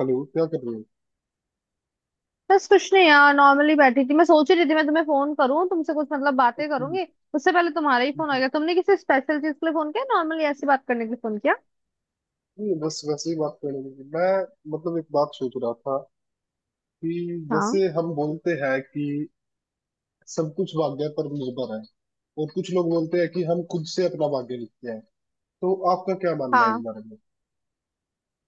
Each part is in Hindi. हेलो, क्या कर रहे हो? बस कुछ नहीं यार, नॉर्मली बैठी थी। मैं सोच ही रही थी मैं तुम्हें फोन करूं, तुमसे कुछ बातें करूंगी। उससे पहले तुम्हारा ही फोन आ गया। तुमने किसी स्पेशल चीज के लिए फोन किया, नॉर्मली ऐसी बात करने के लिए फोन किया? नहीं, बस वैसे ही बात करने लगी मैं। मतलब एक बात सोच रहा था कि हाँ। जैसे हम बोलते हैं कि सब कुछ भाग्य पर निर्भर है। और कुछ लोग बोलते हैं कि हम खुद से अपना भाग्य लिखते हैं। तो आपका क्या मानना है इस हाँ बारे में?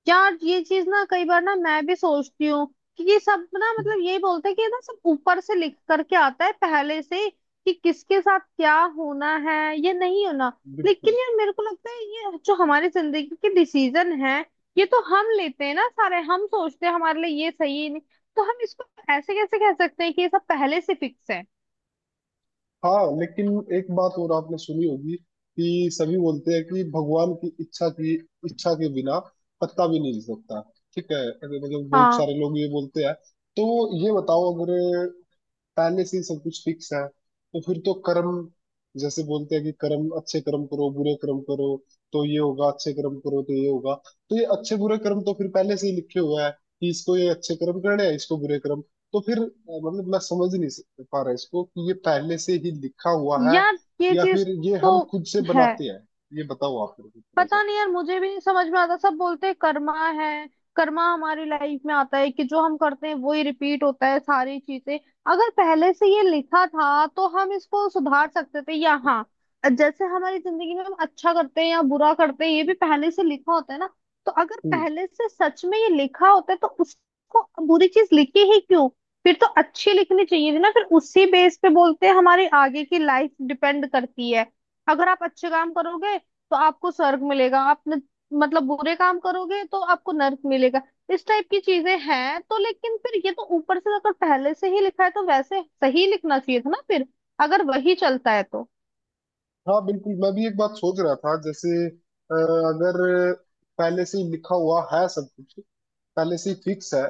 यार, ये चीज ना कई बार ना मैं भी सोचती हूँ कि ये सब ना, यही बोलते हैं कि ये ना सब ऊपर से लिख करके आता है पहले से ही, कि किसके साथ क्या होना है या नहीं होना। लेकिन बिल्कुल। यार मेरे को लगता है, ये जो हमारी जिंदगी के डिसीजन है ये तो हम लेते हैं ना सारे, हम सोचते हैं हमारे लिए ये सही है नहीं, तो हम इसको ऐसे कैसे कह सकते हैं कि ये सब पहले से फिक्स है। हाँ, लेकिन एक बात और आपने सुनी होगी कि सभी बोलते हैं कि भगवान की इच्छा के बिना पत्ता भी नहीं हिल सकता। ठीक है, अगर मतलब बहुत हाँ सारे लोग ये बोलते हैं, तो ये बताओ, अगर पहले से ही सब कुछ फिक्स है तो फिर तो कर्म, जैसे बोलते हैं कि कर्म, अच्छे कर्म करो, बुरे कर्म करो, तो ये होगा, अच्छे कर्म करो तो ये होगा। तो ये अच्छे बुरे कर्म तो फिर पहले से ही लिखे हुआ है कि इसको ये अच्छे कर्म करने हैं, इसको बुरे कर्म। तो फिर मतलब मैं समझ नहीं पा रहा इसको कि ये पहले से ही लिखा हुआ है, यार, ये या चीज फिर ये तो हम खुद से है। बनाते हैं। ये बताओ आप मेरे को थोड़ा सा। पता नहीं यार, मुझे भी नहीं समझ में आता। सब बोलते हैं कर्मा है, कर्मा हमारी लाइफ में आता है, कि जो हम करते हैं वही रिपीट होता है सारी चीजें। अगर पहले से ये लिखा था तो हम इसको सुधार सकते थे या? हाँ, जैसे हमारी जिंदगी में हम अच्छा करते हैं या बुरा करते हैं, ये भी पहले से लिखा होता है ना। तो अगर हम्म। पहले से सच में ये लिखा होता है तो उसको बुरी चीज लिखी ही क्यों? फिर तो अच्छी लिखनी चाहिए थी ना। फिर उसी बेस पे बोलते हैं हमारी आगे की लाइफ डिपेंड करती है, अगर आप अच्छे काम करोगे तो आपको स्वर्ग मिलेगा। आप न, बुरे काम करोगे तो आपको नरक मिलेगा। इस टाइप की चीजें हैं। तो लेकिन फिर ये तो ऊपर से अगर पहले से ही लिखा है तो वैसे सही लिखना चाहिए था ना फिर, अगर वही चलता है तो। हाँ बिल्कुल, मैं भी एक बात सोच रहा था, जैसे अगर पहले से ही लिखा हुआ है सब कुछ, पहले से ही फिक्स है,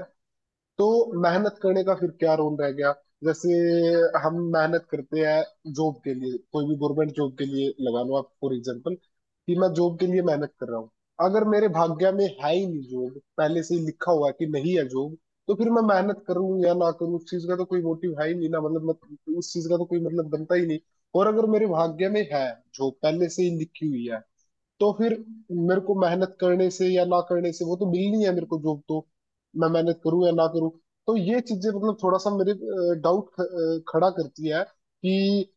तो मेहनत करने का फिर क्या रोल रह गया? जैसे हम मेहनत करते हैं जॉब के लिए, कोई भी गवर्नमेंट जॉब के लिए लगा लो आप, फॉर एग्जाम्पल कि मैं जॉब के लिए मेहनत कर रहा हूँ। अगर मेरे भाग्य में है ही नहीं जॉब, पहले से ही लिखा हुआ है कि नहीं है जॉब, तो फिर मैं मेहनत करूँ या ना करूँ, उस चीज का तो कोई मोटिव है ही नहीं ना, मतलब मत, उस चीज का तो कोई मतलब बनता ही नहीं। और अगर मेरे भाग्य में है, जॉब पहले से ही लिखी हुई है, तो फिर मेरे को मेहनत करने से या ना करने से वो तो मिलनी है मेरे को जॉब तो, मैं मेहनत करूं या ना करूं। तो ये चीजें मतलब थोड़ा सा मेरे डाउट खड़ा करती है कि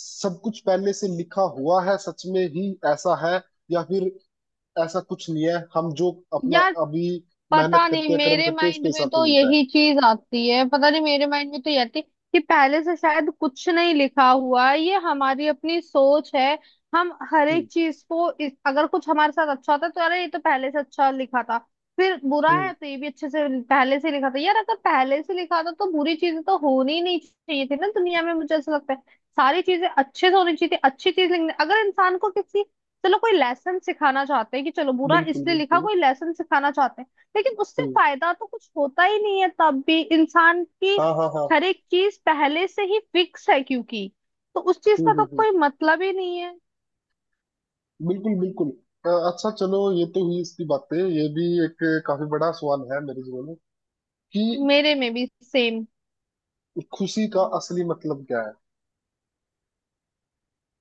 सब कुछ पहले से लिखा हुआ है, सच में ही ऐसा है, या फिर ऐसा कुछ नहीं है, हम जो अपना या अभी मेहनत पता करते नहीं, हैं, कर्म मेरे करते हैं, माइंड उसके में हिसाब से तो मिलता है। यही चीज आती है। पता नहीं, मेरे माइंड में तो ये आती है कि पहले से शायद कुछ नहीं लिखा हुआ है, ये हमारी अपनी सोच है। हम हर हम्म, एक चीज को इस, अगर कुछ हमारे साथ अच्छा था तो अरे, ये तो पहले से अच्छा लिखा था। फिर बुरा हम्म। है तो ये भी अच्छे से पहले से लिखा था। यार अगर पहले से लिखा था तो बुरी चीजें तो होनी ही नहीं चाहिए थी ना दुनिया में, मुझे ऐसा लगता है। सारी चीजें अच्छे से होनी चाहिए थी, अच्छी चीज लिखनी। अगर इंसान को किसी, चलो कोई लेसन सिखाना चाहते हैं कि चलो बुरा बिल्कुल, इसलिए लिखा, बिल्कुल। कोई लेसन सिखाना चाहते हैं। लेकिन उससे हम्म। फायदा तो कुछ होता ही नहीं है तब भी इंसान की। हाँ, हाँ, हाँ। हर एक चीज पहले से ही फिक्स है क्योंकि, तो उस चीज हम्म, का हम्म, तो हम्म। कोई मतलब ही नहीं है। बिल्कुल, बिल्कुल। अच्छा चलो, ये तो हुई इसकी बातें, ये भी एक काफी बड़ा सवाल है मेरे जीवन में कि मेरे में भी सेम। खुशी का असली मतलब क्या है,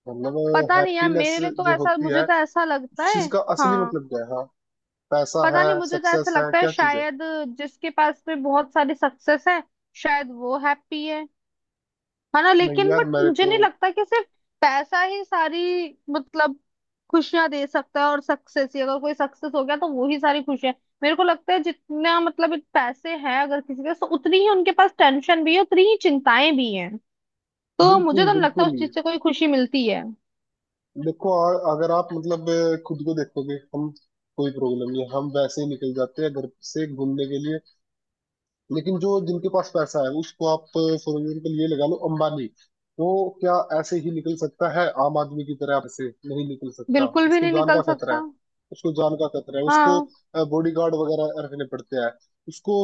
मतलब पता नहीं यार, हैप्पीनेस मेरे लिए तो जो ऐसा, होती है मुझे तो ऐसा लगता उस है। चीज का असली हाँ। मतलब क्या है? हाँ, पैसा पता है? नहीं, मुझे तो ऐसा सक्सेस है? लगता है क्या चीज है? शायद जिसके पास में बहुत सारी सक्सेस है शायद वो हैप्पी है ना। नहीं लेकिन यार, बट मेरे मुझे को। नहीं लगता कि सिर्फ पैसा ही सारी मतलब खुशियां दे सकता है, और सक्सेस ही, अगर कोई सक्सेस हो गया तो वो ही सारी खुशियां। मेरे को लगता है जितना पैसे हैं अगर किसी के, तो उतनी ही उनके पास टेंशन भी है, उतनी ही चिंताएं भी हैं। तो मुझे बिल्कुल, तो नहीं लगता बिल्कुल। उस चीज से कोई खुशी मिलती है। देखो, अगर आप मतलब खुद को देखोगे, हम, कोई प्रॉब्लम नहीं है, हम वैसे ही निकल जाते हैं घर से घूमने के लिए। लेकिन जो जिनके पास पैसा है, उसको आप, फॉर एग्जाम्पल ये लगा लो, अंबानी, वो क्या ऐसे ही निकल सकता है आम आदमी की तरह? ऐसे नहीं निकल सकता। बिल्कुल भी उसको नहीं जान निकल का खतरा सकता। है, उसको जान का खतरा है, उसको हाँ। बॉडीगार्ड वगैरह रखने पड़ते हैं, उसको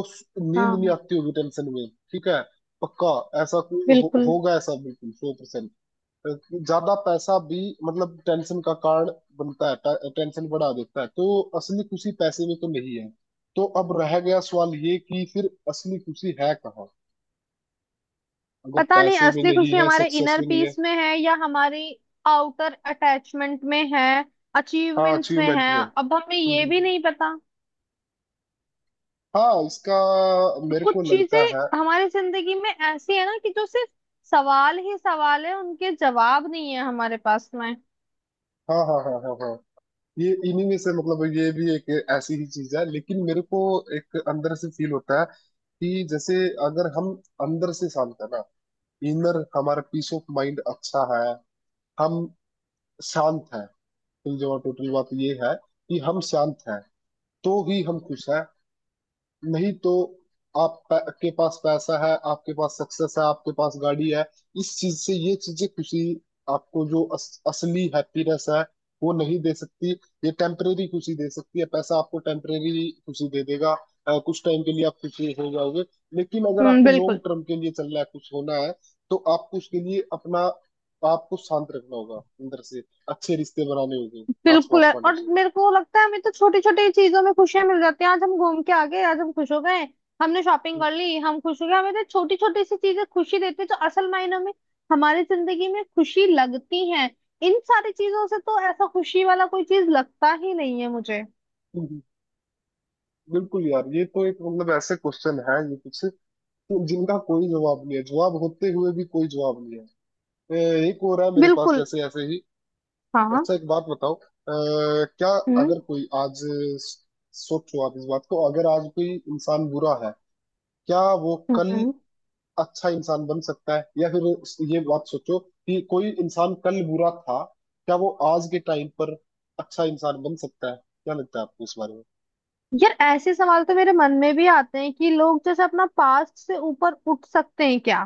नींद नहीं हाँ आती होगी टेंशन में। ठीक है, पक्का, ऐसा कोई बिल्कुल। होगा ऐसा, बिल्कुल 100%। ज्यादा पैसा भी मतलब टेंशन का कारण बनता है, टेंशन बढ़ा देता है, तो असली खुशी पैसे में तो नहीं है। तो अब रह गया सवाल ये कि फिर असली खुशी है कहाँ, अगर पता नहीं, पैसे में असली नहीं खुशी है, हमारे सक्सेस इनर में नहीं है। पीस में है या हमारी आउटर अटैचमेंट में है, हाँ, अचीवमेंट्स में अचीवमेंट है, में। अब हमें हम्म, ये हम्म, भी हम्म। नहीं पता। हाँ, इसका मेरे कुछ को चीजें लगता है, हमारी जिंदगी में ऐसी है ना, कि जो सिर्फ सवाल ही सवाल है, उनके जवाब नहीं है हमारे पास में। हाँ, हाँ, हाँ, हाँ, हाँ, ये इन्हीं में से, मतलब ये भी एक ऐसी ही चीज है, लेकिन मेरे को एक अंदर से फील होता है कि जैसे अगर हम अंदर से शांत है ना, इनर, हमारा पीस ऑफ माइंड अच्छा है, हम शांत हैं, टोटल बात ये है कि हम शांत हैं तो ही हम खुश हैं। नहीं तो, आप के पास पैसा है, आपके पास सक्सेस है, आपके पास गाड़ी है, इस चीज से, ये चीजें खुशी, आपको जो असली हैप्पीनेस है, वो नहीं दे सकती। ये टेम्परेरी खुशी दे सकती है, पैसा आपको टेम्परेरी खुशी दे देगा, कुछ टाइम के लिए आप खुशी हो जाओगे। लेकिन अगर आपको लॉन्ग बिल्कुल। टर्म के लिए चलना है, कुछ होना है, तो आपको उसके लिए अपना, आपको शांत रखना होगा अंदर से, अच्छे रिश्ते बनाने होंगे आस बिल्कुल पास है, वालों और से। मेरे को लगता है हमें तो छोटी छोटी चीजों में खुशियां मिल जाती हैं। आज हम घूम के आ गए, आज हम खुश हो गए। हमने शॉपिंग हम्म, कर ली, हम खुश हो गए। हमें तो छोटी छोटी सी चीजें खुशी देती है, जो असल मायनों में हमारी जिंदगी में खुशी लगती है। इन सारी चीजों से तो ऐसा खुशी वाला कोई चीज लगता ही नहीं है मुझे। हम्म, बिल्कुल यार, ये तो एक मतलब ऐसे क्वेश्चन है ये कुछ, तो जिनका कोई जवाब नहीं है, जवाब होते हुए भी कोई जवाब नहीं है। एक और है मेरे पास, बिल्कुल। जैसे ऐसे ही। हाँ हाँ। अच्छा, एक बात बताओ। क्या, हम्म। अगर कोई आज स- सोचो आप इस बात को, अगर आज कोई इंसान बुरा है, क्या वो कल हम्म अच्छा इंसान बन सकता है, या फिर ये बात सोचो कि कोई इंसान कल बुरा था, क्या वो आज के टाइम पर अच्छा इंसान बन सकता है? क्या लगता है आपको इस बारे यार, ऐसे सवाल तो मेरे मन में भी आते हैं कि लोग जैसे अपना पास्ट से ऊपर उठ सकते हैं क्या,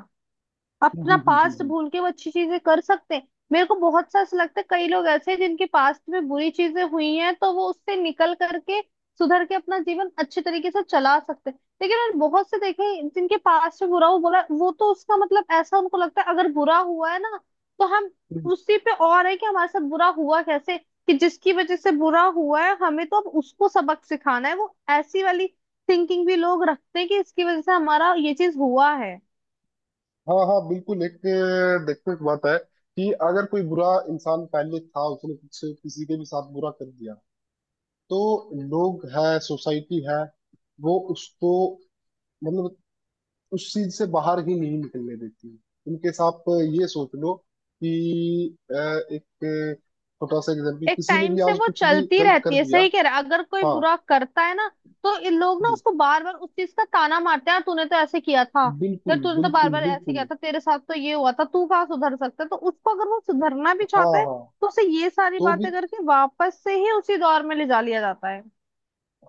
अपना पास्ट भूल के वो अच्छी चीजें कर सकते हैं। मेरे को बहुत सा ऐसा लगता है, कई लोग ऐसे हैं जिनके पास्ट में बुरी चीजें हुई हैं, तो वो उससे निकल करके सुधर के अपना जीवन अच्छे तरीके से चला सकते हैं। लेकिन मैंने बहुत से देखे हैं जिनके पास्ट में बुरा हुआ, बुरा वो तो उसका ऐसा उनको लगता है अगर बुरा हुआ है ना, तो हम में? उसी पे और है कि हमारे साथ बुरा हुआ कैसे, कि जिसकी वजह से बुरा हुआ है हमें, तो अब उसको सबक सिखाना है। वो ऐसी वाली थिंकिंग भी लोग रखते हैं कि इसकी वजह से हमारा ये चीज हुआ है। हाँ, हाँ, बिल्कुल, एक देखने की बात है कि अगर कोई बुरा इंसान पहले था, उसने कुछ किसी के भी साथ बुरा कर दिया, तो लोग है, सोसाइटी है, वो उसको मतलब उस चीज से बाहर ही नहीं निकलने देती। उनके साथ ये सोच लो कि एक छोटा सा एग्जाम्पल, एक किसी ने टाइम भी से आज वो कुछ भी चलती गलत कर रहती है, दिया। सही कह रहा है। अगर कोई हाँ, बुरा करता है ना, तो इन लोग ना हम्म, उसको बार बार उस चीज का ताना मारते हैं, "हाँ, तूने तो ऐसे किया था, यार बिल्कुल, तूने तो बार बिल्कुल, बार ऐसे बिल्कुल, किया था, तेरे साथ तो ये हुआ था, तू कहाँ सुधर सकता है।" तो उसको, अगर वो सुधरना भी हाँ, चाहता है, हाँ, तो उसे ये सारी तो भी, बातें करके वापस से ही उसी दौर में ले जा लिया जाता है।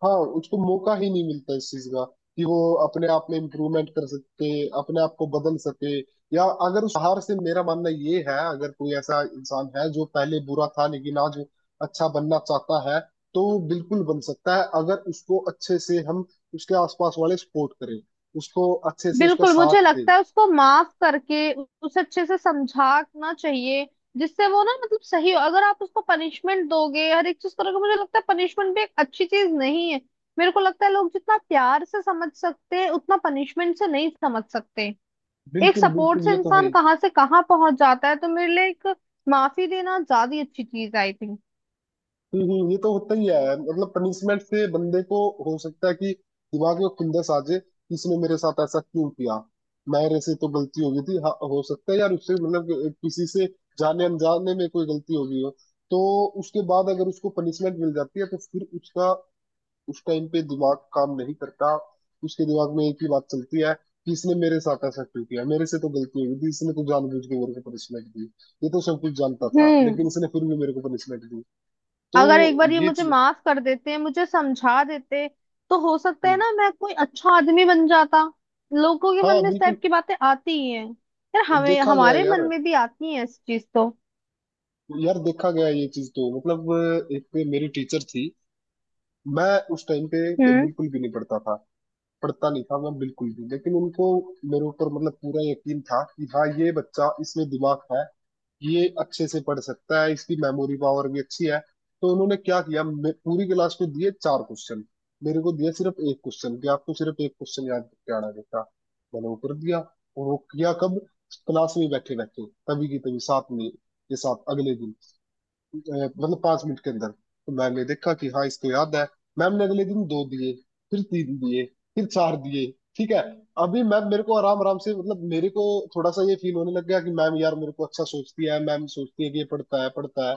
हाँ, उसको मौका ही नहीं मिलता इस चीज का कि वो अपने आप में इम्प्रूवमेंट कर सके, अपने आप को बदल सके। या अगर उस हार से, मेरा मानना ये है, अगर कोई ऐसा इंसान है जो पहले बुरा था लेकिन आज अच्छा बनना चाहता है, तो वो बिल्कुल बन सकता है, अगर उसको अच्छे से हम, उसके आसपास वाले सपोर्ट करें, उसको अच्छे से उसका बिल्कुल, मुझे साथ दें। लगता है उसको माफ करके उसे अच्छे से समझाना चाहिए, जिससे वो ना सही हो। अगर आप उसको पनिशमेंट दोगे, हर एक चीज करोगे, मुझे लगता है पनिशमेंट भी एक अच्छी चीज नहीं है। मेरे को लगता है लोग जितना प्यार से समझ सकते हैं उतना पनिशमेंट से नहीं समझ सकते। एक बिल्कुल, सपोर्ट बिल्कुल, से ये तो है इंसान ही। कहाँ से कहाँ पहुंच जाता है। तो मेरे लिए एक माफी देना ज्यादा ही अच्छी चीज, आई थिंक। ये तो होता ही है, मतलब पनिशमेंट से बंदे को हो सकता है कि दिमाग में खुंदस आ जाए कि इसने मेरे साथ ऐसा क्यों किया, मेरे से तो गलती हो गई थी। हाँ, हो सकता है यार, उससे मतलब किसी से जाने अनजाने में कोई गलती हो गई हो, तो उसके बाद अगर उसको पनिशमेंट मिल जाती है, तो फिर उसका उस टाइम पे दिमाग काम नहीं करता, उसके दिमाग में एक ही बात चलती है कि इसने मेरे साथ ऐसा क्यों किया, मेरे से तो गलती हो गई थी, इसने तो जानबूझ के मेरे को पनिशमेंट दी, ये तो सब कुछ जानता था लेकिन हम्म। इसने फिर भी मेरे को पनिशमेंट दी, तो अगर एक बार ये ये मुझे चीज। माफ कर देते, मुझे समझा देते, तो हो सकता है ना मैं कोई अच्छा आदमी बन जाता। लोगों के मन हाँ में इस टाइप बिल्कुल, की बातें आती ही हैं यार, हमें देखा गया है हमारे यार, मन में भी आती हैं इस चीज तो। यार देखा गया है ये चीज तो, मतलब एक मेरी टीचर थी। मैं उस टाइम पे हम्म बिल्कुल भी नहीं पढ़ता था, पढ़ता नहीं था मैं बिल्कुल भी, लेकिन उनको मेरे ऊपर मतलब पूरा यकीन था कि हाँ, ये बच्चा, इसमें दिमाग है, ये अच्छे से पढ़ सकता है, इसकी मेमोरी पावर भी अच्छी है। तो उन्होंने क्या किया, पूरी क्लास को दिए चार क्वेश्चन, मेरे को दिया सिर्फ एक क्वेश्चन कि आपको सिर्फ एक क्वेश्चन याद करके आना है बेटा। मैंने वो कर दिया, और वो किया कब? क्लास में बैठे बैठे, तभी की तभी, साथ में के साथ। अगले दिन मतलब 5 मिनट के अंदर तो मैम ने देखा कि हाँ, इसको याद है। मैम ने अगले दिन दो दिए, फिर तीन दिए, फिर चार दिए। ठीक है, अभी मैम मेरे को आराम आराम से, मतलब मेरे को थोड़ा सा ये फील होने लग गया कि मैम यार मेरे को अच्छा सोचती है, मैम सोचती है कि ये पढ़ता है, पढ़ता है।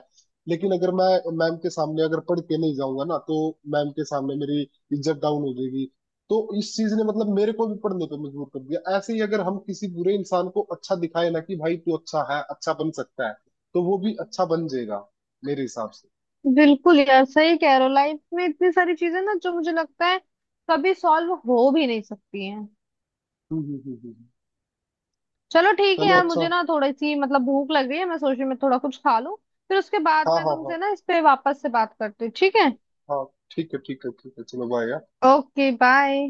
लेकिन अगर मैं, मैम के सामने अगर पढ़ के नहीं जाऊंगा ना, तो मैम के सामने मेरी इज्जत डाउन हो जाएगी। तो इस चीज ने मतलब मेरे को भी पढ़ने पे मजबूर कर दिया। ऐसे ही, अगर हम किसी बुरे इंसान को अच्छा दिखाए ना कि भाई तू अच्छा है, अच्छा बन सकता है, तो वो भी अच्छा बन जाएगा, मेरे हिसाब से। बिल्कुल। यार सही कह रहे हो, लाइफ में इतनी सारी चीजें ना जो मुझे लगता है कभी सॉल्व हो भी नहीं सकती हैं। हम्म, हम्म, हम्म, चलो ठीक है चलो यार, अच्छा। मुझे ना थोड़ी सी भूख लग रही है, मैं सोच रही हूँ मैं थोड़ा कुछ खा लूं। फिर उसके बाद हाँ, मैं हाँ, हाँ, तुमसे ना इस पे वापस से बात करती हूँ, ठीक है? हाँ। ठीक है, ठीक है, ठीक है, चलो बाय यार। Okay bye.